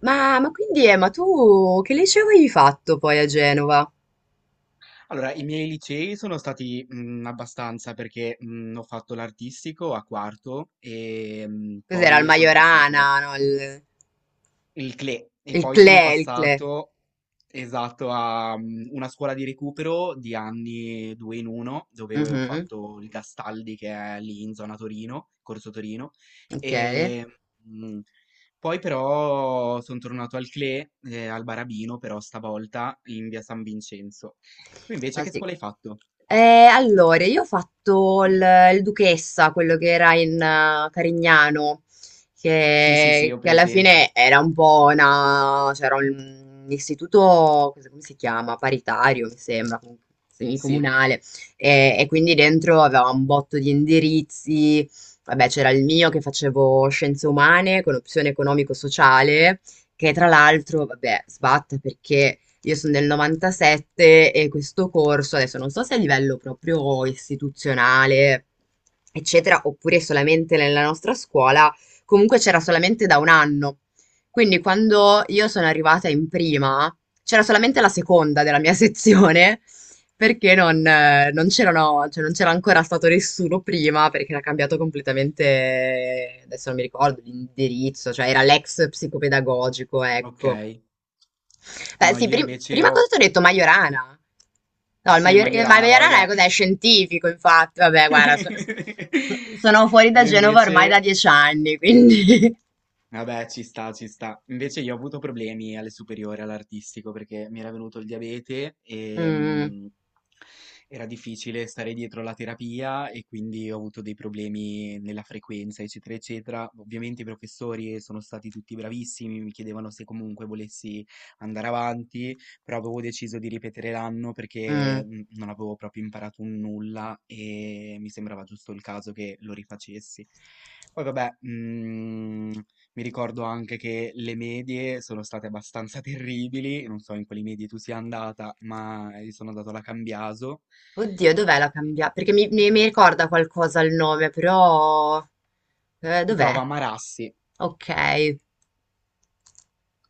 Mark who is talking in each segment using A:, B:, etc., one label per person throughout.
A: Ma quindi, ma tu che liceo avevi fatto poi a Genova?
B: Allora, i miei licei sono stati abbastanza perché ho fatto l'artistico a quarto e
A: Cos'era il
B: poi sono passato
A: Majorana, no?
B: il CLE e
A: Il
B: poi sono
A: CLE, il CLE.
B: passato esatto a una scuola di recupero di anni due in uno dove ho
A: Mhm.
B: fatto il Gastaldi che è lì in zona Torino, Corso Torino
A: Ok.
B: e mh, poi però sono tornato al CLE, al Barabino però stavolta in via San Vincenzo. Tu invece
A: Ah,
B: che
A: sì.
B: scuola hai fatto?
A: Allora, io ho fatto il Duchessa, quello che era in Carignano,
B: Sì, sì, sì,
A: che,
B: ho
A: che alla
B: presente.
A: fine era un po' una, c'era un istituto, come si chiama? Paritario, mi sembra, comunque,
B: Sì,
A: semicomunale, e quindi dentro aveva un botto di indirizzi. Vabbè, c'era il mio che facevo scienze umane con opzione economico-sociale, che tra l'altro, vabbè, sbatte perché io sono del 97 e questo corso, adesso non so se a livello proprio istituzionale, eccetera, oppure solamente nella nostra scuola, comunque c'era solamente da un anno. Quindi quando io sono arrivata in prima, c'era solamente la seconda della mia sezione, perché non c'erano, cioè non c'era ancora stato nessuno prima, perché era cambiato completamente, adesso non mi ricordo l'indirizzo, cioè era l'ex psicopedagogico, ecco.
B: okay.
A: Beh,
B: No,
A: sì,
B: io invece
A: prima cosa
B: ho
A: ti ho detto Majorana. No, il,
B: sì,
A: Il
B: Majorana, ma
A: Majorana è
B: vabbè.
A: cos'è? Scientifico, infatti. Vabbè, guarda, sono fuori da
B: Io
A: Genova ormai da
B: invece
A: 10 anni, quindi...
B: Vabbè, ci sta, ci sta. Invece io ho avuto problemi alle superiori, all'artistico, perché mi era venuto il diabete e
A: Mm,
B: era difficile stare dietro la terapia e quindi ho avuto dei problemi nella frequenza, eccetera, eccetera. Ovviamente i professori sono stati tutti bravissimi, mi chiedevano se comunque volessi andare avanti, però avevo deciso di ripetere l'anno
A: mm.
B: perché non avevo proprio imparato un nulla e mi sembrava giusto il caso che lo rifacessi. Poi vabbè, mi ricordo anche che le medie sono state abbastanza terribili, non so in quali medie tu sia andata, ma io sono andato alla Cambiaso.
A: Oddio, dov'è la cambia? Perché mi ricorda qualcosa il nome, però...
B: Si trova a
A: dov'è?
B: Marassi.
A: Ok.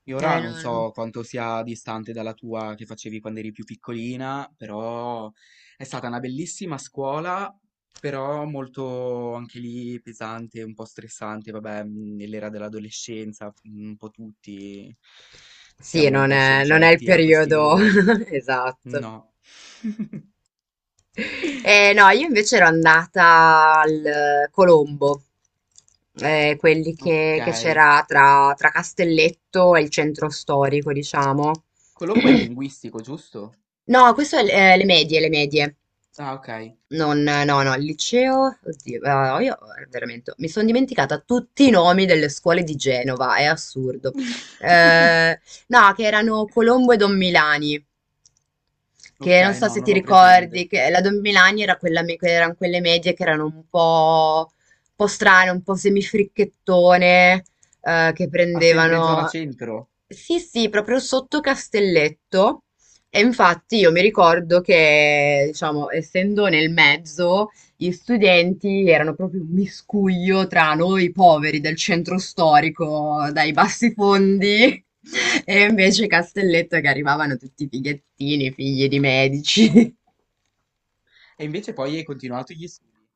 B: Io ora non
A: non-
B: so quanto sia distante dalla tua che facevi quando eri più piccolina, però è stata una bellissima scuola, però molto anche lì pesante, un po' stressante, vabbè, nell'era dell'adolescenza, un po' tutti
A: Sì,
B: siamo un
A: non
B: po'
A: è, non è il
B: soggetti a questi
A: periodo
B: dolori.
A: esatto.
B: No.
A: No, io invece ero andata al Colombo, quelli che
B: Okay.
A: c'era tra, tra Castelletto e il centro storico, diciamo.
B: Colombo è linguistico, giusto?
A: No, questo è l le medie, le medie.
B: Ah, okay.
A: Non no, no, il liceo, oddio, ah, io veramente mi sono dimenticata tutti i nomi delle scuole di Genova, è assurdo. Eh, no, che erano Colombo e Don Milani, che non
B: Okay,
A: so
B: no,
A: se ti
B: non ho
A: ricordi,
B: presente.
A: che la Don Milani era quella, erano quelle medie che erano un po' strane, un po' semifricchettone, che
B: Ah, sempre zona
A: prendevano...
B: centro?
A: Sì, sì, proprio sotto Castelletto. E infatti io mi ricordo che, diciamo, essendo nel mezzo, gli studenti erano proprio un miscuglio tra noi poveri del centro storico, dai bassi fondi, e invece Castelletto che arrivavano tutti fighettini, figli di medici.
B: E invece poi hai continuato gli studi?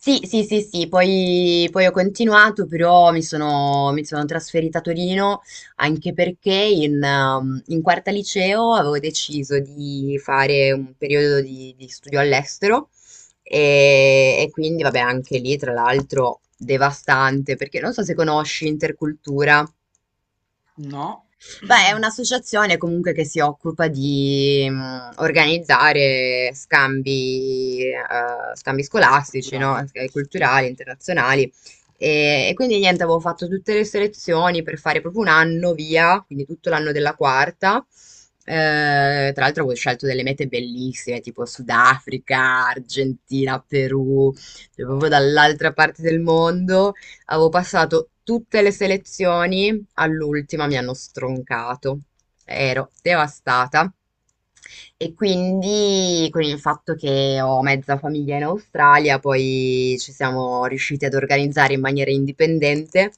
A: Sì, sì, sì, sì, poi, poi ho continuato, però mi sono trasferita a Torino anche perché in, in quarta liceo avevo deciso di fare un periodo di studio all'estero e quindi, vabbè, anche lì, tra l'altro, devastante, perché non so se conosci Intercultura.
B: No.
A: Beh, è un'associazione comunque che si occupa di organizzare scambi, scambi scolastici, no?
B: Culturali?
A: E
B: Sì.
A: culturali, internazionali. E quindi niente, avevo fatto tutte le selezioni per fare proprio un anno via, quindi tutto l'anno della quarta. Tra l'altro avevo scelto delle mete bellissime, tipo Sudafrica, Argentina, Perù, cioè proprio
B: Bello.
A: dall'altra parte del mondo. Avevo passato tutte le selezioni, all'ultima mi hanno stroncato. Ero devastata. E quindi con il fatto che ho mezza famiglia in Australia, poi ci siamo riusciti ad organizzare in maniera indipendente,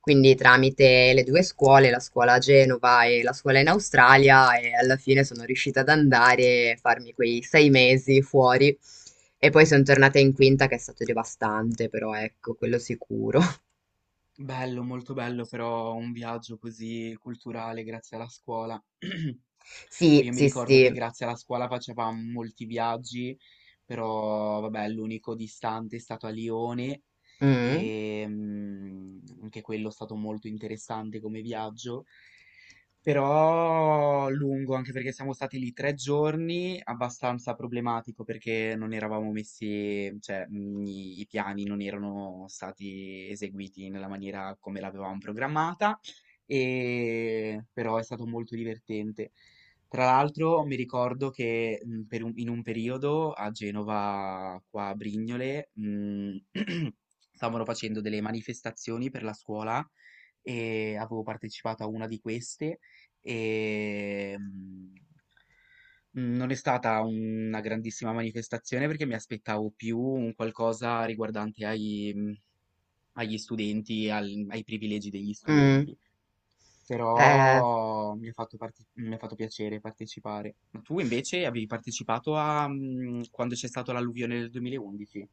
A: quindi tramite le due scuole, la scuola a Genova e la scuola in Australia, e alla fine sono riuscita ad andare e farmi quei 6 mesi fuori. E poi sono tornata in quinta, che è stato devastante, però ecco, quello sicuro.
B: Bello, molto bello però un viaggio così culturale grazie alla scuola.
A: Sì,
B: Io mi
A: sì,
B: ricordo che
A: sì.
B: grazie alla scuola facevamo molti viaggi, però vabbè, l'unico distante è stato a Lione
A: Mm.
B: e anche quello è stato molto interessante come viaggio. Però lungo, anche perché siamo stati lì 3 giorni, abbastanza problematico perché non eravamo messi, cioè i piani non erano stati eseguiti nella maniera come l'avevamo programmata, e, però è stato molto divertente. Tra l'altro mi ricordo che in un periodo a Genova, qua a Brignole, stavano facendo delle manifestazioni per la scuola e avevo partecipato a una di queste e non è stata una grandissima manifestazione perché mi aspettavo più un qualcosa riguardante agli studenti, ai privilegi degli
A: Mm,
B: studenti,
A: eh,
B: però mi ha fatto piacere partecipare. Ma tu invece avevi partecipato quando c'è stata l'alluvione del 2011?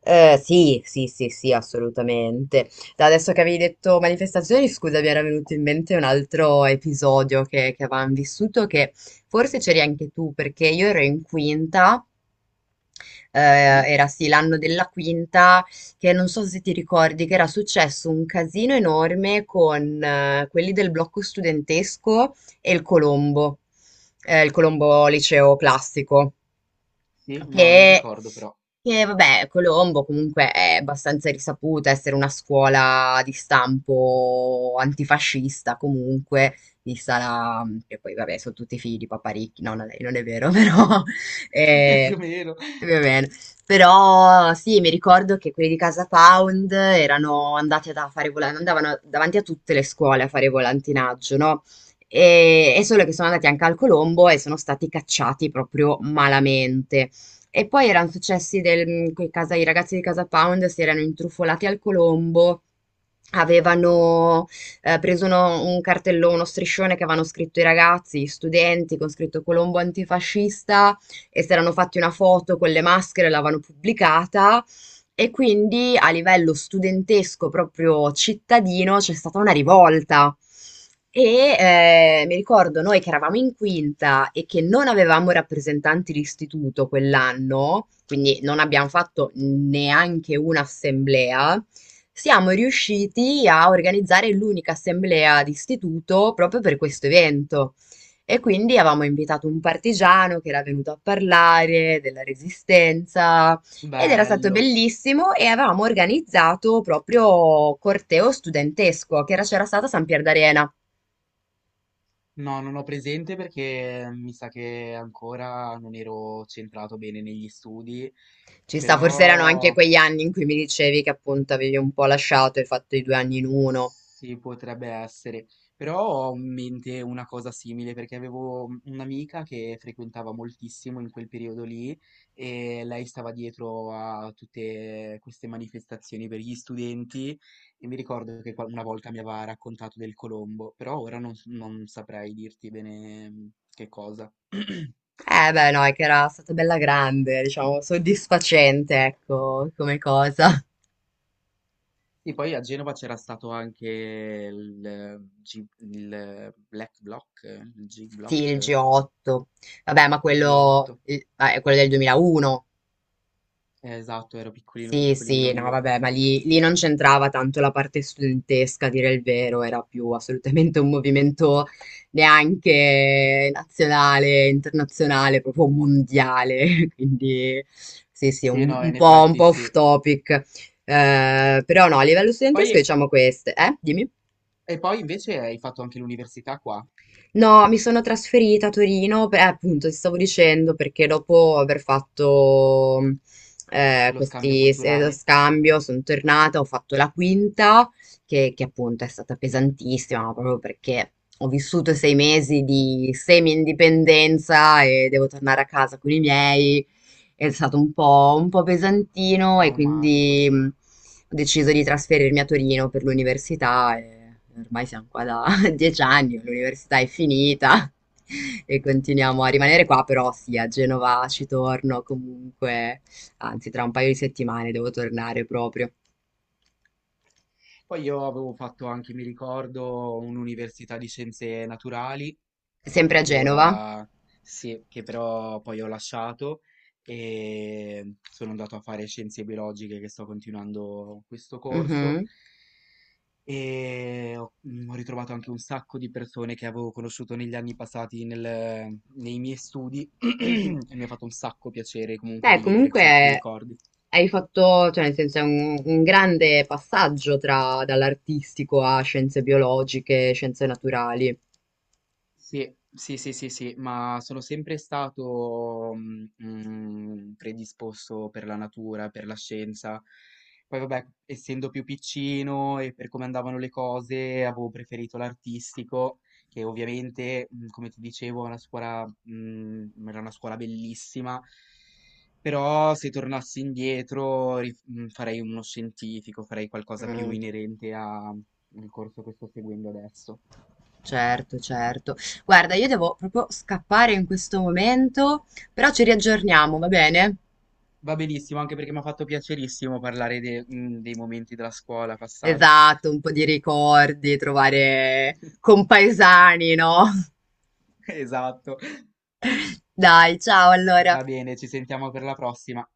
A: sì, sì, sì, sì, assolutamente. Da adesso che avevi detto manifestazioni, scusa, mi era venuto in mente un altro episodio che avevamo vissuto, che forse c'eri anche tu, perché io ero in quinta,
B: Sì?
A: era sì l'anno della quinta, che non so se ti ricordi che era successo un casino enorme con quelli del blocco studentesco e il Colombo liceo classico.
B: Sì? No, non mi
A: che,
B: ricordo però.
A: vabbè, Colombo comunque è abbastanza risaputa essere una scuola di stampo antifascista comunque, vista la... che poi vabbè sono tutti figli di Paparicchi, no, no, lei non è vero, però...
B: Più
A: eh,
B: o meno.
A: va bene. Però sì, mi ricordo che quelli di Casa Pound erano andati a fare andavano davanti a tutte le scuole a fare volantinaggio, no? E solo che sono andati anche al Colombo e sono stati cacciati proprio malamente. E poi erano successi del, mm, quei casa, i ragazzi di Casa Pound si erano intrufolati al Colombo, avevano preso un cartellone, uno striscione che avevano scritto i ragazzi, gli studenti, con scritto Colombo antifascista, e si erano fatti una foto con le maschere, l'avevano pubblicata e quindi a livello studentesco, proprio cittadino, c'è stata una rivolta. E mi ricordo noi che eravamo in quinta e che non avevamo rappresentanti di istituto quell'anno, quindi non abbiamo fatto neanche un'assemblea, siamo riusciti a organizzare l'unica assemblea di istituto proprio per questo evento. E quindi avevamo invitato un partigiano che era venuto a parlare della resistenza, ed era stato
B: Bello.
A: bellissimo e avevamo organizzato proprio corteo studentesco c'era stato a San Pier d'Arena.
B: No, non ho presente perché mi sa che ancora non ero centrato bene negli studi,
A: Ci sta, forse erano anche
B: però
A: quegli anni in cui mi dicevi che appunto avevi un po' lasciato e fatto i due anni in uno.
B: sì, potrebbe essere. Però ho in mente una cosa simile perché avevo un'amica che frequentava moltissimo in quel periodo lì e lei stava dietro a tutte queste manifestazioni per gli studenti e mi ricordo che una volta mi aveva raccontato del Colombo, però ora non saprei dirti bene che cosa.
A: Eh beh, no, è che era stata bella grande, diciamo, soddisfacente, ecco, come cosa.
B: Sì, poi a Genova c'era stato anche il Black Block, il
A: Sì, il
B: G-Block,
A: G8. Vabbè, ma quello,
B: G8.
A: ah, è quello del 2001.
B: Esatto, ero piccolino,
A: Sì,
B: piccolino
A: sì, no,
B: io.
A: vabbè, ma lì, lì non c'entrava tanto la parte studentesca, a dire il vero, era più assolutamente un movimento neanche nazionale, internazionale, proprio mondiale, quindi sì, sì,
B: Sì, no, in
A: un
B: effetti
A: po'
B: sì.
A: off topic. Però no, a livello studentesco
B: Poi,
A: diciamo queste, eh? Dimmi.
B: e poi invece hai fatto anche l'università qua,
A: No, mi sono trasferita a Torino, appunto, ti stavo dicendo, perché dopo aver fatto
B: lo scambio
A: questi
B: culturale,
A: scambio sono tornata, ho fatto la quinta, che appunto è stata pesantissima, ma proprio perché ho vissuto 6 mesi di semi-indipendenza e devo tornare a casa con i miei. È stato un po' pesantino e
B: traumatico,
A: quindi
B: sì.
A: ho deciso di trasferirmi a Torino per l'università e ormai siamo qua da 10 anni, l'università è finita e continuiamo a rimanere qua, però sì, a Genova ci torno comunque, anzi tra un paio di settimane devo tornare proprio.
B: Poi io avevo fatto anche, mi ricordo, un'università di scienze naturali
A: Sempre a
B: che
A: Genova?
B: ora sì, che però poi ho lasciato e sono andato a fare scienze biologiche che sto continuando questo corso
A: Mhm,
B: e ho ritrovato anche un sacco di persone che avevo conosciuto negli anni passati nei miei studi
A: mhm.
B: e mi ha fatto un sacco piacere comunque
A: Beh,
B: rivivere certi
A: comunque
B: ricordi.
A: hai fatto, cioè nel senso è un grande passaggio tra dall'artistico a scienze biologiche, scienze naturali.
B: Sì, sì, sì, sì, sì, ma sono sempre stato predisposto per la natura, per la scienza. Poi vabbè, essendo più piccino e per come andavano le cose, avevo preferito l'artistico, che ovviamente, come ti dicevo, è una scuola, era una scuola bellissima, però se tornassi indietro farei uno scientifico, farei qualcosa più
A: Mm.
B: inerente al corso che sto seguendo adesso.
A: Certo, certo. Guarda, io devo proprio scappare in questo momento, però ci riaggiorniamo, va bene?
B: Va benissimo, anche perché mi ha fatto piacerissimo parlare dei momenti della scuola passati.
A: Esatto, un po' di ricordi, trovare compaesani, no?
B: Esatto.
A: Dai, ciao allora.
B: Va bene, ci sentiamo per la prossima.